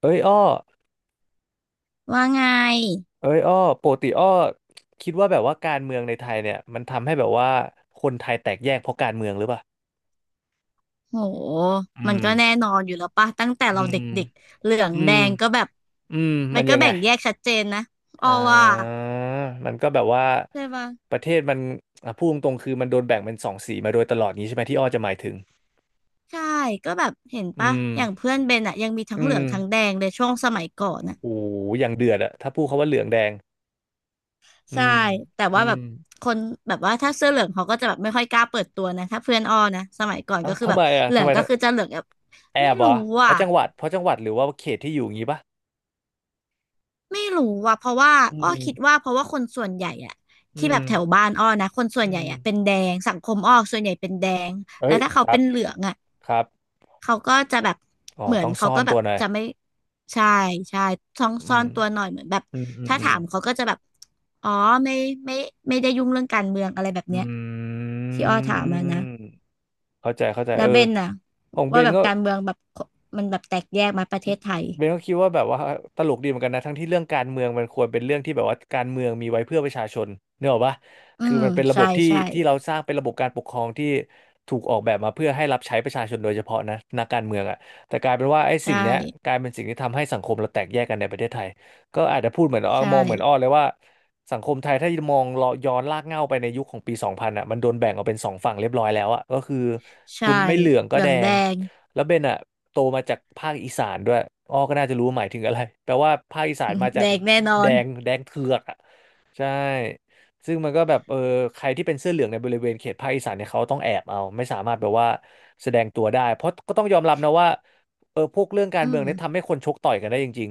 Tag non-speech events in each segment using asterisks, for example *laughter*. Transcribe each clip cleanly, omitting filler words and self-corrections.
เอ้ยอ้อว่าไง เอ้ยอ้อปกติอ้อคิดว่าแบบว่าการเมืองในไทยเนี่ยมันทำให้แบบว่าคนไทยแตกแยกเพราะการเมืองหรือเปล่าโหอืมันมก็แน่นอนอยู่แล้วป่ะตั้งแต่อืเราเดม ็กๆเหลืองอืแดม งก็แบบอืมมัมันนก็ยังไงแบ่งแยกชัดเจนนะอออ่ว่าามันก็แบบว่าใช่ปะประเทศมันอ่ะพูดตรงๆคือมันโดนแบ่งเป็นสองสีมาโดยตลอดนี้ใช่ไหมที่อ้อจะหมายถึงใช่ ก็แบบเห็นอืป่ะมอย่างเพื่อนเบนอะยังมีทั้งอืเหลือมงทั้งแดงเลยช่วงสมัยก่อนน่ะโอ้โหอย่างเดือดอะถ้าพูดคำว่าเหลืองแดงอืใช่ ม แต่อืว่าแบมบคนแบบว่าถ้าเสื้อเหลืองเขาก็จะแบบไม่ค่อยกล้าเปิดตัวนะถ้าเพื่อนอ้อนะสมัยก่อนอ่ะก็คือทำแบไมบอะเหลืทำองไมก็คือจะเหลืองแบบแอไม่บเหรรู้อเพอ่ะ ราะจังหวัดเพราะจังหวัดหรือว่าเขตที่อยู่อย่างงี้ปะไม่รู้ว่ะเพราะว่าอือ้อมคิดว่าเพราะว่าคนส่วนใหญ่อะอืที่แบม บแถวบ้านอ้อนะคนส่วนอืใหญ่มอะเป็นแดงสังคมอ้อส่วนใหญ่เป็นแดงเอ้แล้ยวถ้าคเขารัเป็บนเหลืองอะครับเขาก็จะแบบอ๋อเหมือนต้องเขาซ่อก็นแบตับวหน่อยจะไม่ใช่ใช่ซ่องอืซ่อมนตัวหน่อยเหมือนแบบอืมอืมถ้าอืมถามเขาก็จะแบบอ๋อไม่ไม่ไม่ได้ยุ่งเรื่องการเมืองอะไรแบบอืเนี้ยที่อ้อถามมานะมเข้าใจเข้าใจแล้เอวเบอนน่ะของเบว่าแบนบก็ การเมืองแบบมันแบบแตกแยกมาประเทศไทยเบนก็คิดว่าแบบว่าตลกดีเหมือนกันนะทั้งที่เรื่องการเมืองมันควรเป็นเรื่องที่แบบว่าการเมืองมีไว้เพื่อประชาชนเนกอะปะอืคือมมันเป็นระบใช่บที่ใช่ที่เราสร้างเป็นระบบการปกครองที่ถูกออกแบบมาเพื่อให้รับใช้ประชาชนโดยเฉพาะนะนักการเมืองอ่ะแต่กลายเป็นว่าไอ้ใชสิ่งเนี้ยก่ลายเป็นสิ่งที่ทำให้สังคมเราแตกแยกกันในประเทศไทยก็อาจจะพูดเหมือนอ้อใช่ มองเหมือนอ้อเลยว่าสังคมไทยถ้ามองเลาะย้อนลากเหง้าไปในยุคของปี2000อ่ะมันโดนแบ่งออกเป็นสองฝั่งเรียบร้อยแล้วอ่ะก็คือคุใช่ณไม่เหลืองเหก็ลืแดองแดง ง แล้วเบนอะโตมาจากภาคอีสานด้วยอ้อก็น่าจะรู้หมายถึงอะไรแปลว่าภาคอีสานมา *laughs* จาแดกงแน่นอแดนงแดงเถือกอะใช่ซึ่งมันก็แบบเออใครที่เป็นเสื้อเหลืองในบริเวณเขตภาคอีสานเนี่ยเขาต้องแอบเอาไม่สามารถแบบว่าแสดงตัวได้เพราะก็ต้องยอมรับนะว่าเออพวกเรื่องการอืเมืองมเนี่ยทำให้คนชกต่อยกันได้จริง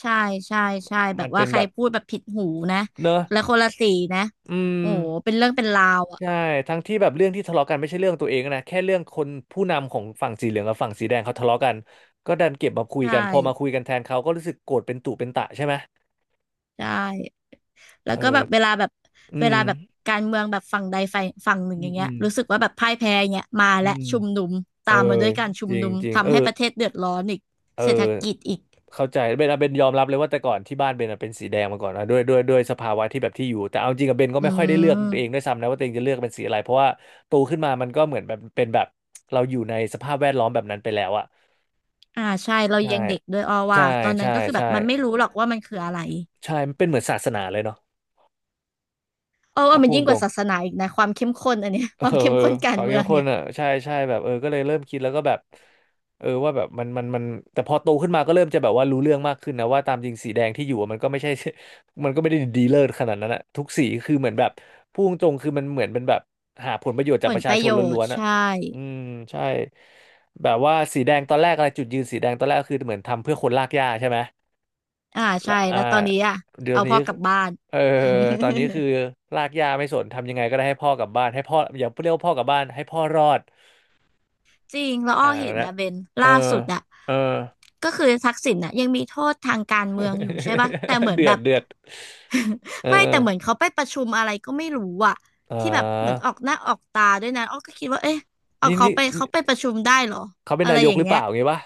ใช่ใช่ใช่ๆแบมับนว่าเป็นใครแบบพูดแบบผิดหูนะเนอะแล้วคนละสีนะอืม โอ้โหเป็นเรื่องเป็นราวอ่ะใช่ทั้งที่แบบเรื่องที่ทะเลาะกันไม่ใช่เรื่องตัวเองนะแค่เรื่องคนผู้นำของฝั่งสีเหลืองกับฝั่งสีแดงเขาทะเลาะกันก็ดันเก็บมาคุยใช่กันพอมาคุยกันแทนเขาก็รู้สึกโกรธเป็นตุเป็นตะใช่ไหมใช่แล้เอวก็แบอบเวลาแบบอืเวมลาแบบการเมืองแบบฝั่งใดฝ่ายฝั่งหนึ่งอือมย่างอืเงี้ยมรู้สึกว่าแบบพ่ายแพ้อย่างเงี้ยมาอืและมชุมนุมเอตาอมมาด้วยการชุจมริงนุมจริงเอทำอให้ประเทศเดือดร้อนอีกเออเศรษฐกิจอีกเข้าใจเบนอะเบนยอมรับเลยว่าแต่ก่อนที่บ้านเบนอะเป็นสีแดงมาก่อนนะด้วยสภาวะที่แบบที่อยู่แต่เอาจริงกับเบนก็อืไม่ค่อยได้เลือกเองมด้วยซ้ำนะว่าตัวเองจะเลือกเป็นสีอะไรเพราะว่าโตขึ้นมามันก็เหมือนแบบเป็นแบบเราอยู่ในสภาพแวดล้อมแบบนั้นไปแล้วอะอ่าใช่เราใช่ ยังเด็กด้วยอ้อว่าใช่ตอนนั้ใช่นก็คือแบใช่บมันไม่รู้หรอกว่ามันคืออะไร ใช่มันเป็นเหมือนศาสนาเลยเนาะเออว่าถ้ามันพูดยิ่งตกรว่างศาสนาอีกนะความเข้มข้นอันเนี้ย *laughs* เอคอวามเข้มข้นคการวามเมืเข้อมงข้นเนี่ยอ่ะใช่ใช่แบบเออก็เลยเริ่มคิดแล้วก็แบบเออว่าแบบมันแต่พอโตขึ้นมาก็เริ่มจะแบบว่ารู้เรื่องมากขึ้นนะว่าตามจริงสีแดงที่อยู่อะมันก็ไม่ใช่ *laughs* มันก็ไม่ได้ดีเลิศขนาดนั้นอะทุกสีคือเหมือนแบบพูดตรงๆคือมันเหมือนเป็นแบบหาผลประโยชน์ผจากปลระปชาระชนโยชล้วน์นๆอะใช่อืมใช่แบบว่าสีแดงตอนแรกอะไรจุดยืนสีแดงตอนแรกก็คือเหมือนทำเพื่อคนลากหญ้าใช่ไหม อ่าละใช่อ่าแล้วตอนนี้อ่ะเดี๋ยวเอานี้พ่อกลับบ้าน เออ *laughs* ตอนนี้คือลากย่าไม่สนทำยังไงก็ได้ให้พ่อกลับบ้านให้พ่ออย่าเรียกว่าพ่อกลับบ้านให้พ่อรอดจริงแล้วอ้อ่าอเห็นแล้วนะเบนเอล่าอสุดอ่ะเออ ก็คือทักษิณน่ะยังมีโทษทางการเมืองอยู่ใช่ปะแต่เหมื *laughs* อนเดืแบอดบ เดือดเอ *laughs* อไม่เอแต่อเหมือนเขาไปประชุมอะไรก็ไม่รู้อ่ะอ่ที่แบบเหมือนาออกหน้าออกตาด้วยนะอ้อก็คิดว่าเอ๊ะเอานี่เขานี่ไปเขาไปประชุมได้เหรอเขาเป็นอะไรนายอกย่าหงรือเงี้เปย ล่าไงวะ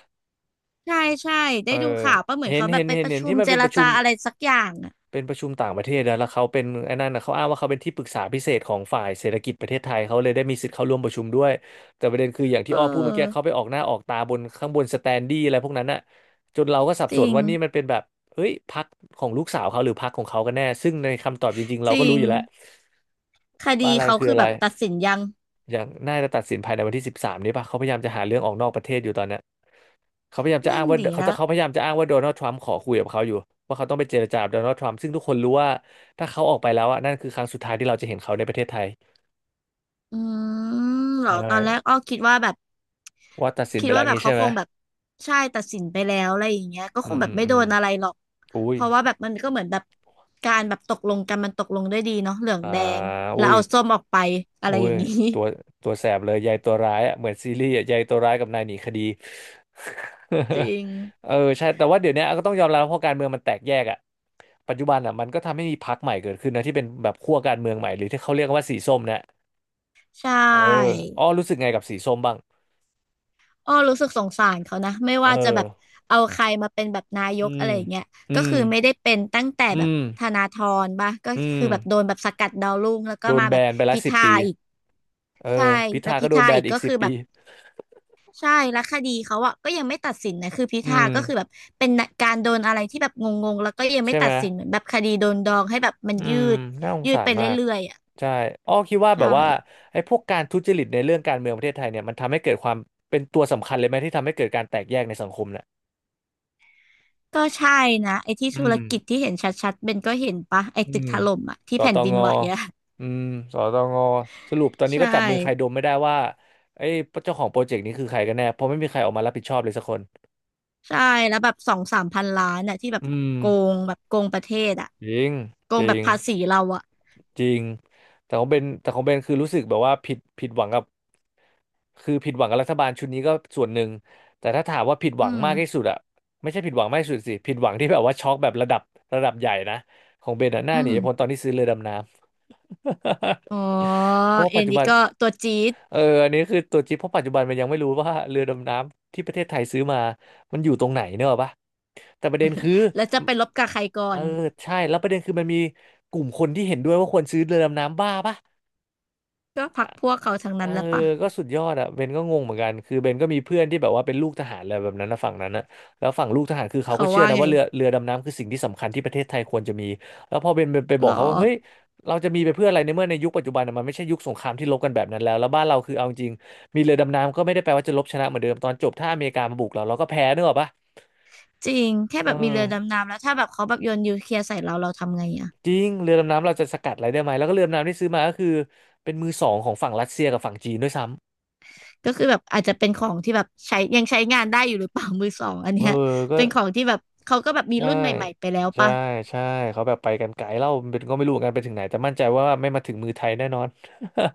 ใช่ใช่เอได้อดูข่าวป่ะเหมือนเห็นเขาแบเห็บนไปเห็ปนระเห็นชุที่มมันเจเป็นรประชุจาม อะไรสักอย่างอ่ะต่างประเทศนะแล้วเขาเป็นไอ้นั่นนะเขาอ้างว่าเขาเป็นที่ปรึกษาพิเศษของฝ่ายเศรษฐกิจประเทศไทยเขาเลยได้มีสิทธิ์เข้าร่วมประชุมด้วยแต่ประเด็นคืออย่างเอที่อ้อพูดเมื่อกี้เขาอไปออกหน้าออกตาบนข้างบนสแตนดี้อะไรพวกนั้นน่ะจนเราก็สับจสนริงว่านี่มันเป็นแบบเฮ้ยพรรคของลูกสาวเขาหรือพรรคของเขากันแน่ซึ่งในคำตอบจริงๆจเราก็ริรู้งอยู่แล้วคว่าดีอะไรเขาคือคืออะแบไรบตัดสินยังอย่างน่าจะตัดสินภายในวันที่13นี้ป่ะเขาพยายามจะหาเรื่องออกนอกประเทศอยู่ตอนเนี้ เขาพยายามจะนั่อ้านงว่าดีเขาแล้จะวเขาพยายามจะอ้างว่าโดนัลด์ทรัมป์ขอคุยกับเขาอยู่ว่าเขาต้องไปเจรจากับโดนัลด์ทรัมป์ซึ่งทุกคนรู้ว่าถ้าเขาออกไปแล้วอ่ะนั่นคือครั้งสุดท้ายที่เราจะเห็นเขาในประเทศไทยอืมเหรอใช่ตอนแรกอ้อคิดว่าแบบว่าตัดสินคิไปดแล้ว่าวแบบงี้เขาใช่ไหคมงแบบใช่ตัดสินไปแล้วอะไรอย่างเงี้ยก็อืคมงแบอืบมไม่อืโดมนอะไรหรอกอุ้เพยราะว่าแบบมันก็เหมือนแบบการแบบตกลงกันมันตกลงด้วยดีเนาะเหลืองอ่าแดงแล้อุ้วยเอาส้มออกไปอะอุ้ไรอย่ายงงี้ ตัวตัวแสบเลยยายตัวร้ายอ่ะเหมือนซีรีส์อ่ะยายตัวร้ายกับนายหนีคดี *laughs* จริ *laughs* งเออใช่แต่ว่าเดี๋ยวนี้ก็ต้องยอมรับเพราะการเมืองมันแตกแยกอ่ะปัจจุบันอ่ะมันก็ทำให้มีพรรคใหม่เกิดขึ้นนะที่เป็นแบบขั้วการเมืองใหม่หรือที่เขาเรียกกันว่าสีส้มนะ ใช่ เอออ้อรู้สึกไงกับสีส้มบ้างอ้อรู้สึกสงสารเขานะไม่เอว่าจะแบบอเอาใครมาเป็นแบบนายอืกอะมไรอย่างเงี้ยอืก็มคือไม่ได้เป็นตั้งแต่อืแบบมธนาธรปะก็อืคือมแบบโดนแบบสกัดดาวรุ่งแล้วก็โดนมาแบแบบนไปละพิสิบธาปีอีกเออใช่พิแล้วธาพิก็โดนธาแบอีนกอีก็กสิคืบอแบปีบใช่แล้วคดีเขาอะก็ยังไม่ตัดสินนะคือพิอืธามก็คือแบบเป็นการโดนอะไรที่แบบงงๆแล้วก็ยังไม่ใช่ตัไหมดสินเหมือนแบบคดีโดนดองให้แบบมันอืยืมดน่าสงยืดสาไปรเรมากื่อยๆอะใช่อ้อคิดว่าแบใช่บว่าไอ้พวกการทุจริตในเรื่องการเมืองประเทศไทยเนี่ยมันทำให้เกิดความเป็นตัวสำคัญเลยไหมที่ทำให้เกิดการแตกแยกในสังคมเนี่ยก็ใช่นะไอ้ที่อืธุรม กิจที่เห็นชัดๆเบนก็เห็นปะไอ้อืตึกมถล่มอะที่สแผ่นตดินงไหวอะ อืมสตงสรุปตอนนี้ใช่ก็จับมือใครดมไม่ได้ว่าไอ้เจ้าของโปรเจกต์นี้คือใครกันแน่เพราะไม่มีใครออกมารับผิดชอบเลยสักคนใช่แล้วแบบสองสามพันล้านน่ะที่แบบอืมโกงแบบโกงประเทศอ่ะจริงโกจงริแบบงภาษีเราอ่ะจริงแต่ของเบนคือรู้สึกแบบว่าผิดหวังกับคือผิดหวังกับรัฐบาลชุดนี้ก็ส่วนหนึ่งแต่ถ้าถามว่าผิดหอืวังมมากที่สุดอะไม่ใช่ผิดหวังมากที่สุดสิผิดหวังที่แบบว่าช็อกแบบระดับใหญ่นะของเบนอะหน้าอืหนีมพ้นตอนที่ซื้อเรือดำน้อ๋อำ *laughs* เพราะว่าเอ็ปัจนจุนี่บันก็ตัวจี๊ดเอออันนี้คือตัวจิ๊บเพราะปัจจุบันมันยังไม่รู้ว่าเรือดำน้ำที่ประเทศไทยซื้อมามันอยู่ตรงไหนเนกอะปะแต่ประเด็นคือแล้วจะไปลบกับใครก่อเออนใช่แล้วประเด็นคือมันมีกลุ่มคนที่เห็นด้วยว่าควรซื้อเรือดำน้ำบ้าปะ ก็พรรคพวกเขาทั้งเออนั้นแหล้วปะก็สุดยอดอะเบนก็งงเหมือนกันคือเบนก็มีเพื่อนที่แบบว่าเป็นลูกทหารอะไรแบบนั้นนะฝั่งนั้นนะแล้วฝั่งลูกทหารคือเขาเขาก็เชื่อว่านะไงว่าเรือดำน้ำคือสิ่งที่สำคัญที่ประเทศไทยควรจะมีแล้วพอเบนไปบหรออกเขาว่าเฮ้ยเราจะมีไปเพื่ออะไรในเมื่อในยุคปัจจุบันน่ะมันไม่ใช่ยุคสงครามที่รบกันแบบนั้นแล้วแล้วบ้านเราคือเอาจริงมีเรือดำน้ำก็ไม่ได้แปลว่าจะรบชนะเหมือนเดิมตอนจบถ้าอเมริกามาบุกเราเราก็แพ้นึกออกปะจริงแค่เออแบบมีเรือดำน้ำแล้วถ้าแบบเขาแบบโยนนิวเคลียร์ใส่เราเราทำไงอ่ะจริงเรือดำน้ำเราจะสกัดอะไรได้ไหมแล้วก็เรือดำน้ำที่ซื้อมาก็คือเป็นมือสองของฝั่งรัสเซียกับฝั่งจีนด้วยซ้ก็คือแบบอาจจะเป็นของที่แบบใช้ยังใช้งานได้อยู่หรือเปล่ามือสองอันำเอเนี้ยอก็ เป็นของที่แบบเขาก็แบบมีใช่รุ่นใหม่ๆไปแล้วใช่ปะ ใช่เขาแบบไปกันไกลเล่าเป็นก็ไม่รู้เหมือนกันไปถึงไหนแต่มั่นใจว่าไม่มาถึงมือไทยแน่นอน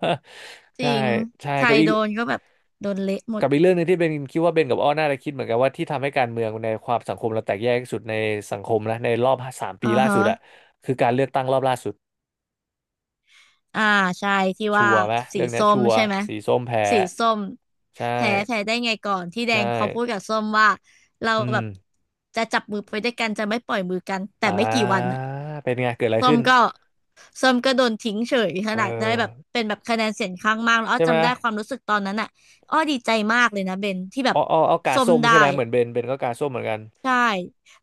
*laughs* จใช่ริงใช่ใครโดนก็แบบโดนเละหมดกับอีกเรื่องหนึงที่เบนคิดว่าเบนกับอ้อน่าจะคิดเหมือนกันว่าที่ทำให้การเมืองในความสังคมเราแตกแยกที่สุดในสังคมนะในรอบ3 ปีอ่าล่าฮะสุดอะคือการเลือกตั้งรอบล่าสุดอ่าใช่ที่ชัว่าวร์ไหมสีเรื่องเนี้ยส้มชัวร์ใช่ไหม สีส้มแพ้สีส้มใช่แพ้แพ้ได้ไงก่อนที่แดใช่งเขาพูดกับส้มว่าเราอืแบมบจะจับมือไปด้วยกันจะไม่ปล่อยมือกันแต่อ่ไม่กี่วันาน่ะเป็นไงเกิดอะไรส้ขึ้มนก็ส้มก็โดนทิ้งเฉยขเอนาดได้แบบอเป็นแบบคะแนนเสียงข้างมากแล้วอ้อใช่ไหมจำได้ความรู้สึกตอนนั้นอ่ะอ้อดีใจมากเลยนะเบนที่แบอ๋บออ๋อเอากาส้มส้มได้ ใช่ไหมเหมือนเบนก็กาส้มเหมือนกัน ใช่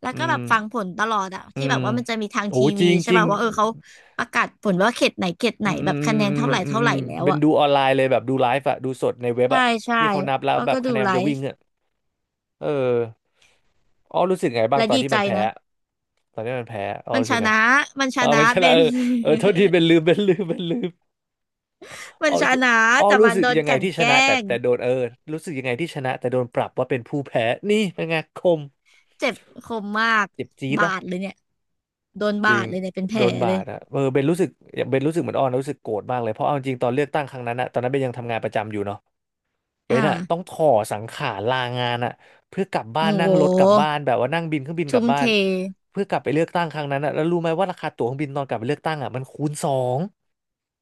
แล้วอืก็แบบฟังผมลตลอดอะอืที่แบมบว่ามันจะมีทางโอ้ทีจวีริงใช่จริงป่ะว่าเออเขาประกาศผลว่าเขตไหนเขตไหอืนมอืแบมบอืคะมแนนอืเท่าไหร่มเท่าอืไหร่มแล้วเป็นอะดูออนไลน์เลยแบบดูไลฟ์อะดูสดในเว็บใช่อะใช่ที่เขานับแล้วอ้อแบบก็ดูคะแนนไลมันจะวิ่งฟ์อะเอออ้อรู้สึกไงบ้างและตอนดีที่ใจมันแพ้นะตอนที่มันแพ้อ้อมันรู้ชสึกไงนะมันชอ๋อนะไม่ใช่เบละเอน อเออโทษทีเป็นลืม *laughs* มัอ้อนชรู้สึกนะอ้อแต่รู้มันสึกโดนยังกไงลั่นที่ชแกล้นะงแต่โดนเออรู้สึกยังไงที่ชนะแต่โดนปรับว่าเป็นผู้แพ้นี่เป็นไงคมเจ็บคมมากเจ็บจี๊ดบาละ ดเลยเนี่ยโดนจบาริดงเลยเนี่ยเป็นแผโดลนบาเลยดอะเออเบนรู้สึกเบนรู้สึกเหมือนอ้อนนะรู้สึกโกรธมากเลยเพราะเอาจริงตอนเลือกตั้งครั้งนั้นอะตอนนั้นเบนยังทำงานประจำอยู่เนาะเบอ่านอะต้องถ่อสังขารลางานอะเพื่อกลับบ้าโอ้นโนั่งรถกลับบ้าหนแบบว่านั่งบินเครื่องบินกทุ่ลับมบ้าเทนเพื่อกลับไปเลือกตั้งครั้งนั้นอะแล้วรู้ไหมว่าราคาตั๋วเครื่องบินตอนกลับไปเลือกตั้งอะมันคูณสอง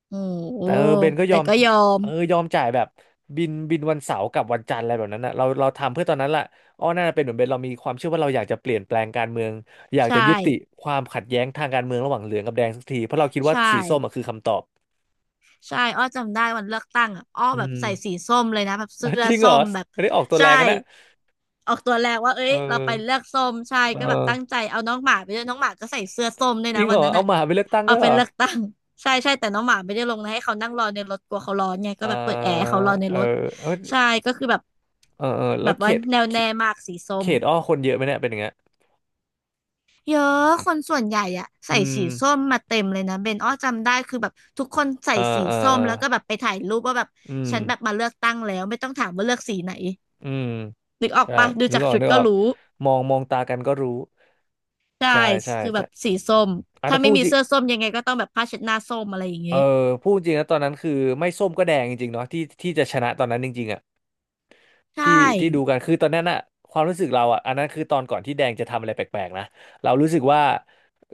โอ้โหแต่เบนก็ยแต่อมก็ยอมยอมจ่ายแบบบินวันเสาร์กับวันจันทร์อะไรแบบนั้นนะเราทำเพื่อตอนนั้นล่ะอ้อน่าจะเป็นเหมือนเบนเรามีความเชื่อว่าเราอยากจะเปลี่ยนแปลงการเมืองอยากใช่จะยุติความขัดแย้งทางการเมืองระหว่างเหลืองกับแดงสักทีเพราะเราคิดว่าใช่ สีส้มอะคือคำตอบใช่อ้อจำได้วันเลือกตั้งอะอ้ออืแบบมใส่สีส้มเลยนะแบบอ่ะเสื้อจริงเหรส้อมแบบไม่ได้ออกตัวแรใช่งกันนะออกตัวแรงว่าเอ้เอยเราไปเลืออกส้มใช่เอก็แบบอตั้งใจเอาน้องหมาไปด้วยน้องหมาก็ใส่เสื้อส้มด้วยจรินะงเหวัรนอนั้นเอาอะหมาไปเลือกตั้งด้เอาวยไปเหรอเลือกตั้งใช่ใช่แต่น้องหมาไม่ได้ลงนะให้เขานั่งรอในรถกลัวเขาร้อนไงอก็แบบเปิดแอ่าร์ให้เขารอในเออรถเออใช่ก็คือแบบเออเออแบแล้วบเขว่าตแนวเขแน่มากสีส้เขม ตอ้อคนเยอะไหมเนี่ยเป็นอย่างเงี้ยเยอะคนส่วนใหญ่อะใส่อืสีมส้มมาเต็มเลยนะเบนอ้อจำได้คือแบบทุกคนใส่เออสีเออส้เอมอแล้วก็แบบไปถ่ายรูปว่าแบบอืมฉันแบบมาเลือกตั้งแล้วไม่ต้องถามว่าเลือกสีไหนอืม นึกออกใช่ปะดูนึกจากออกชุดนึกก็ออกรู้มองตากันก็รู้ใช่ใช่ใช่คือแบใช่บสีส้มอ่ะถ้าถ้าไม่พูดมีจริงเสื้อส้มยังไงก็ต้องแบบผ้าเช็ดหน้าส้มอะไรอย่างเอเงี้อยพูดจริงนะตอนนั้นคือไม่ส้มก็แดงจริงๆเนาะที่จะชนะตอนนั้นจริงๆอ่ะที่ใช่ที่ดูกันคือตอนนั้นอะความรู้สึกเราอ่ะอันนั้นคือตอนก่อนที่แดงจะทำอะไรแปลกๆนะเรารู้สึกว่า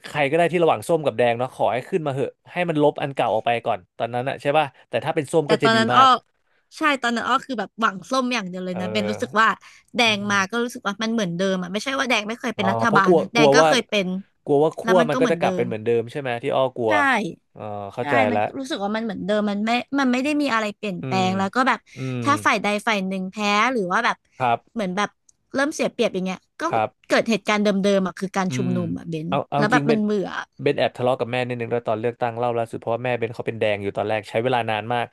ใครก็ได้ที่ระหว่างส้มกับแดงเนาะขอให้ขึ้นมาเหอะให้มันลบอันเก่าออกไปก่อนตอนนั้นอะใช่ป่ะแต่ถ้าเป็นส้มแต่ก็ตจะอนดีนั้นมาอ้อกใช่ตอนนั้นอ้อคือแบบหวังส้มอย่างเดียวเลเอยอนะเบนรู้สึกว่าแดอืงมมาก็รู้สึกว่ามันเหมือนเดิมอะไม่ใช่ว่าแดงไม่เคยอ๋เป็อนรัฐเพราะบากลลัวนะกแดลังวก็ว่าเคยเป็นกลัวว่าแล้ขั้ววมันมันก็ก็เหมือจะนกลัเดิบเป็นม เหมือนเดิมใช่ไหมที่อ้อกลัวใช่เออเข้าใช่ใจมันละ รู้สึกว่ามันเหมือนเดิมมันไม่ได้มีอะไรเปลี่ยนอืแปลม งแล้วก็แบบอืม ถ้าฝ่ายใดฝ่ายหนึ่งแพ้หรือว่าแบบครับ เหมือนแบบเริ่มเสียเปรียบอย่างเงี้ยก็ครับ เกิดเหตุการณ์เดิมๆอ่ะคือการอืชุมมนุมอ่ะเบนเอาแล้จวแบริงบเบมันนเบื่อเบนแอบทะเลาะกับแม่นิดนึงด้วยตอนเลือกตั้งเล่าล่าสุดเพราะว่าแม่เบนเขาเป็นแดงอยู่ตอนแรกใช้เวลานานมาก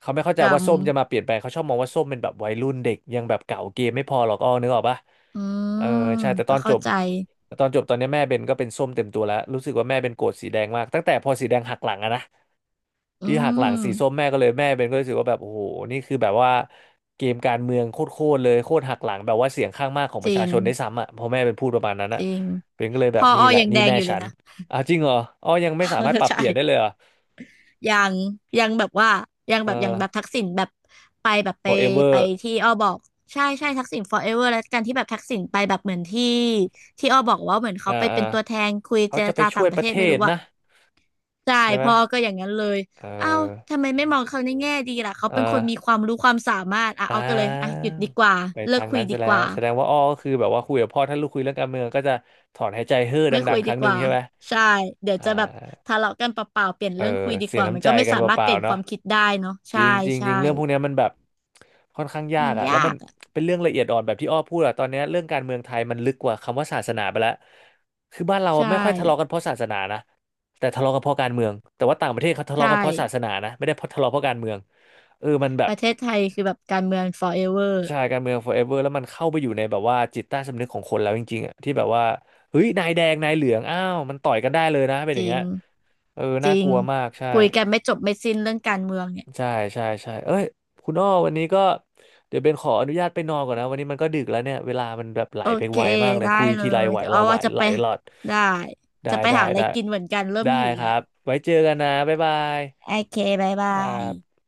เขาไม่เข้าใจกำว่าส้มจะมาเปลี่ยนแปลงเขาชอบมองว่าส้มเป็นแบบวัยรุ่นเด็กยังแบบเก่าเกมไม่พอหรอกอ้อนึกออกปะอืเออมใช่แต่ตก็อนจเข้าบใจแต่ตอนจบตอนนี้แม่เบนก็เป็นส้มเต็มตัวแล้วรู้สึกว่าแม่เบนโกรธสีแดงมากตั้งแต่พอสีแดงหักหลังอะนะอืที่หักหลังสีส้มมแม่ก็เลยแม่เบนก็รู้สึกว่าแบบโอ้โหนี่คือแบบว่าเกมการเมืองโคตรๆเลยโคตรหักหลังแบบว่าเสียงข้างมากของปจระริชางชนได้วยซ้ำอ่ะพอแม่เป็นพูดประมาณนั้นจอะ ริงเป็นก็เลยพแบบออนี่แหอละยังนี่แดงแม่อยู่เลฉัยนนะ อ้าวจริงเหรออ๋อยังไม่สามารถปรั *laughs* บเปลี่ยนได้เลยใช่ เหรอยังยังแบบว่ายังเอแบอ บยังแบบทักษิณแบบไปแบบไปไป forever ที่อ้อบอกใช่ใช่ทักษิณ forever แล้วกันที่แบบทักษิณไปแบบเหมือนที่ที่อ้อบอกว่าเหมือนเขาอ่าไปอ่าเป็นตัวแทนคุยเขาเจรจะไปจาช่ต่าวงยปประเทระศเทไม่ศรู้ว่ะนะใช่ใช่ไหมพ่อก็อย่างนั้นเลยเอเอ้าอทำไมไม่มองเขาในแง่ดีล่ะเขาอ่เป็นคนมีาความรู้ความสามารถอ่ะอ่เอาก็เลยอ่ะหายุดดีกว่าไปเลิทากงคุยนั้นดีซะแล้กวว่าแสดงว่าอ้อก็คือแบบว่าคุยกับพ่อถ้าลูกคุยเรื่องการเมืองก็จะถอนหายใจเฮ้อไม่ดัคุงยๆคดีรั้งหกนึ่งว่าใช่ไหมใช่เดี๋ยวอ่จะแบบาทะเลาะกันเปล่าๆเปลี่ยนเอเรื่องอคุยดีเสีกยว่ามัน้ำนใจก็ไม่กันสามารเปถเปล่าลี่ยนๆคเนาะ วามคิดได้เนาะจใช่ริงจริงจใช่ริงเรื่องพวกเนี้ยมันแบบค่อนข้างยามักนอะแล้วยามันกอะ เป็นเรื่องละเอียดอ่อนแบบที่อ้อพูดอะตอนเนี้ยเรื่องการเมืองไทยมันลึกกว่าคำว่าศาสนาไปแล้วคือบ้านเราใช่ไม่ค่อยทะเลาะกันเพราะศาสนานะแต่ทะเลาะกันเพราะการเมืองแต่ว่าต่างประเทศเขาทะเลาะกันใช่เพราะศาสนานะไม่ได้เพราะทะเลาะเพราะการเมืองเออมันแบปบระเทศไทยคือแบบการเมือง forever ใช่การเมือง forever แล้วมันเข้าไปอยู่ในแบบว่าจิตใต้สำนึกของคนแล้วจริงๆอะที่แบบว่าเฮ้ยนายแดงนายเหลืองอ้าวมันต่อยกันได้เลยนะเป็นอจย่างริเงี้งยเออจน่าริกงลัวมากใช่ คุยกันไม่จบไม่สิ้นเรื่องการเมืองเนี่ยใช่ใช่ใช่เอ้ย คุณอ้อวันนี้ก็ เดี๋ยวเบนขออนุญาตไปนอนก่อนนะ วันนี้มันก็ดึกแล้วเนี่ย เวลามันแบบไหลโอไปเคไวมากเลยได้คุยเลทีไรยไหวเดี๋ยวอ้ละอไหวว่าจะไหลไปหลอดได้ได้จะไปได้หาอะไรได้กินเหมือนกันเริ่มได้หิวคแล้รัวบ ไว้เจอกันนะบ๊ายบายโอเคบ๊ายคบารัยบ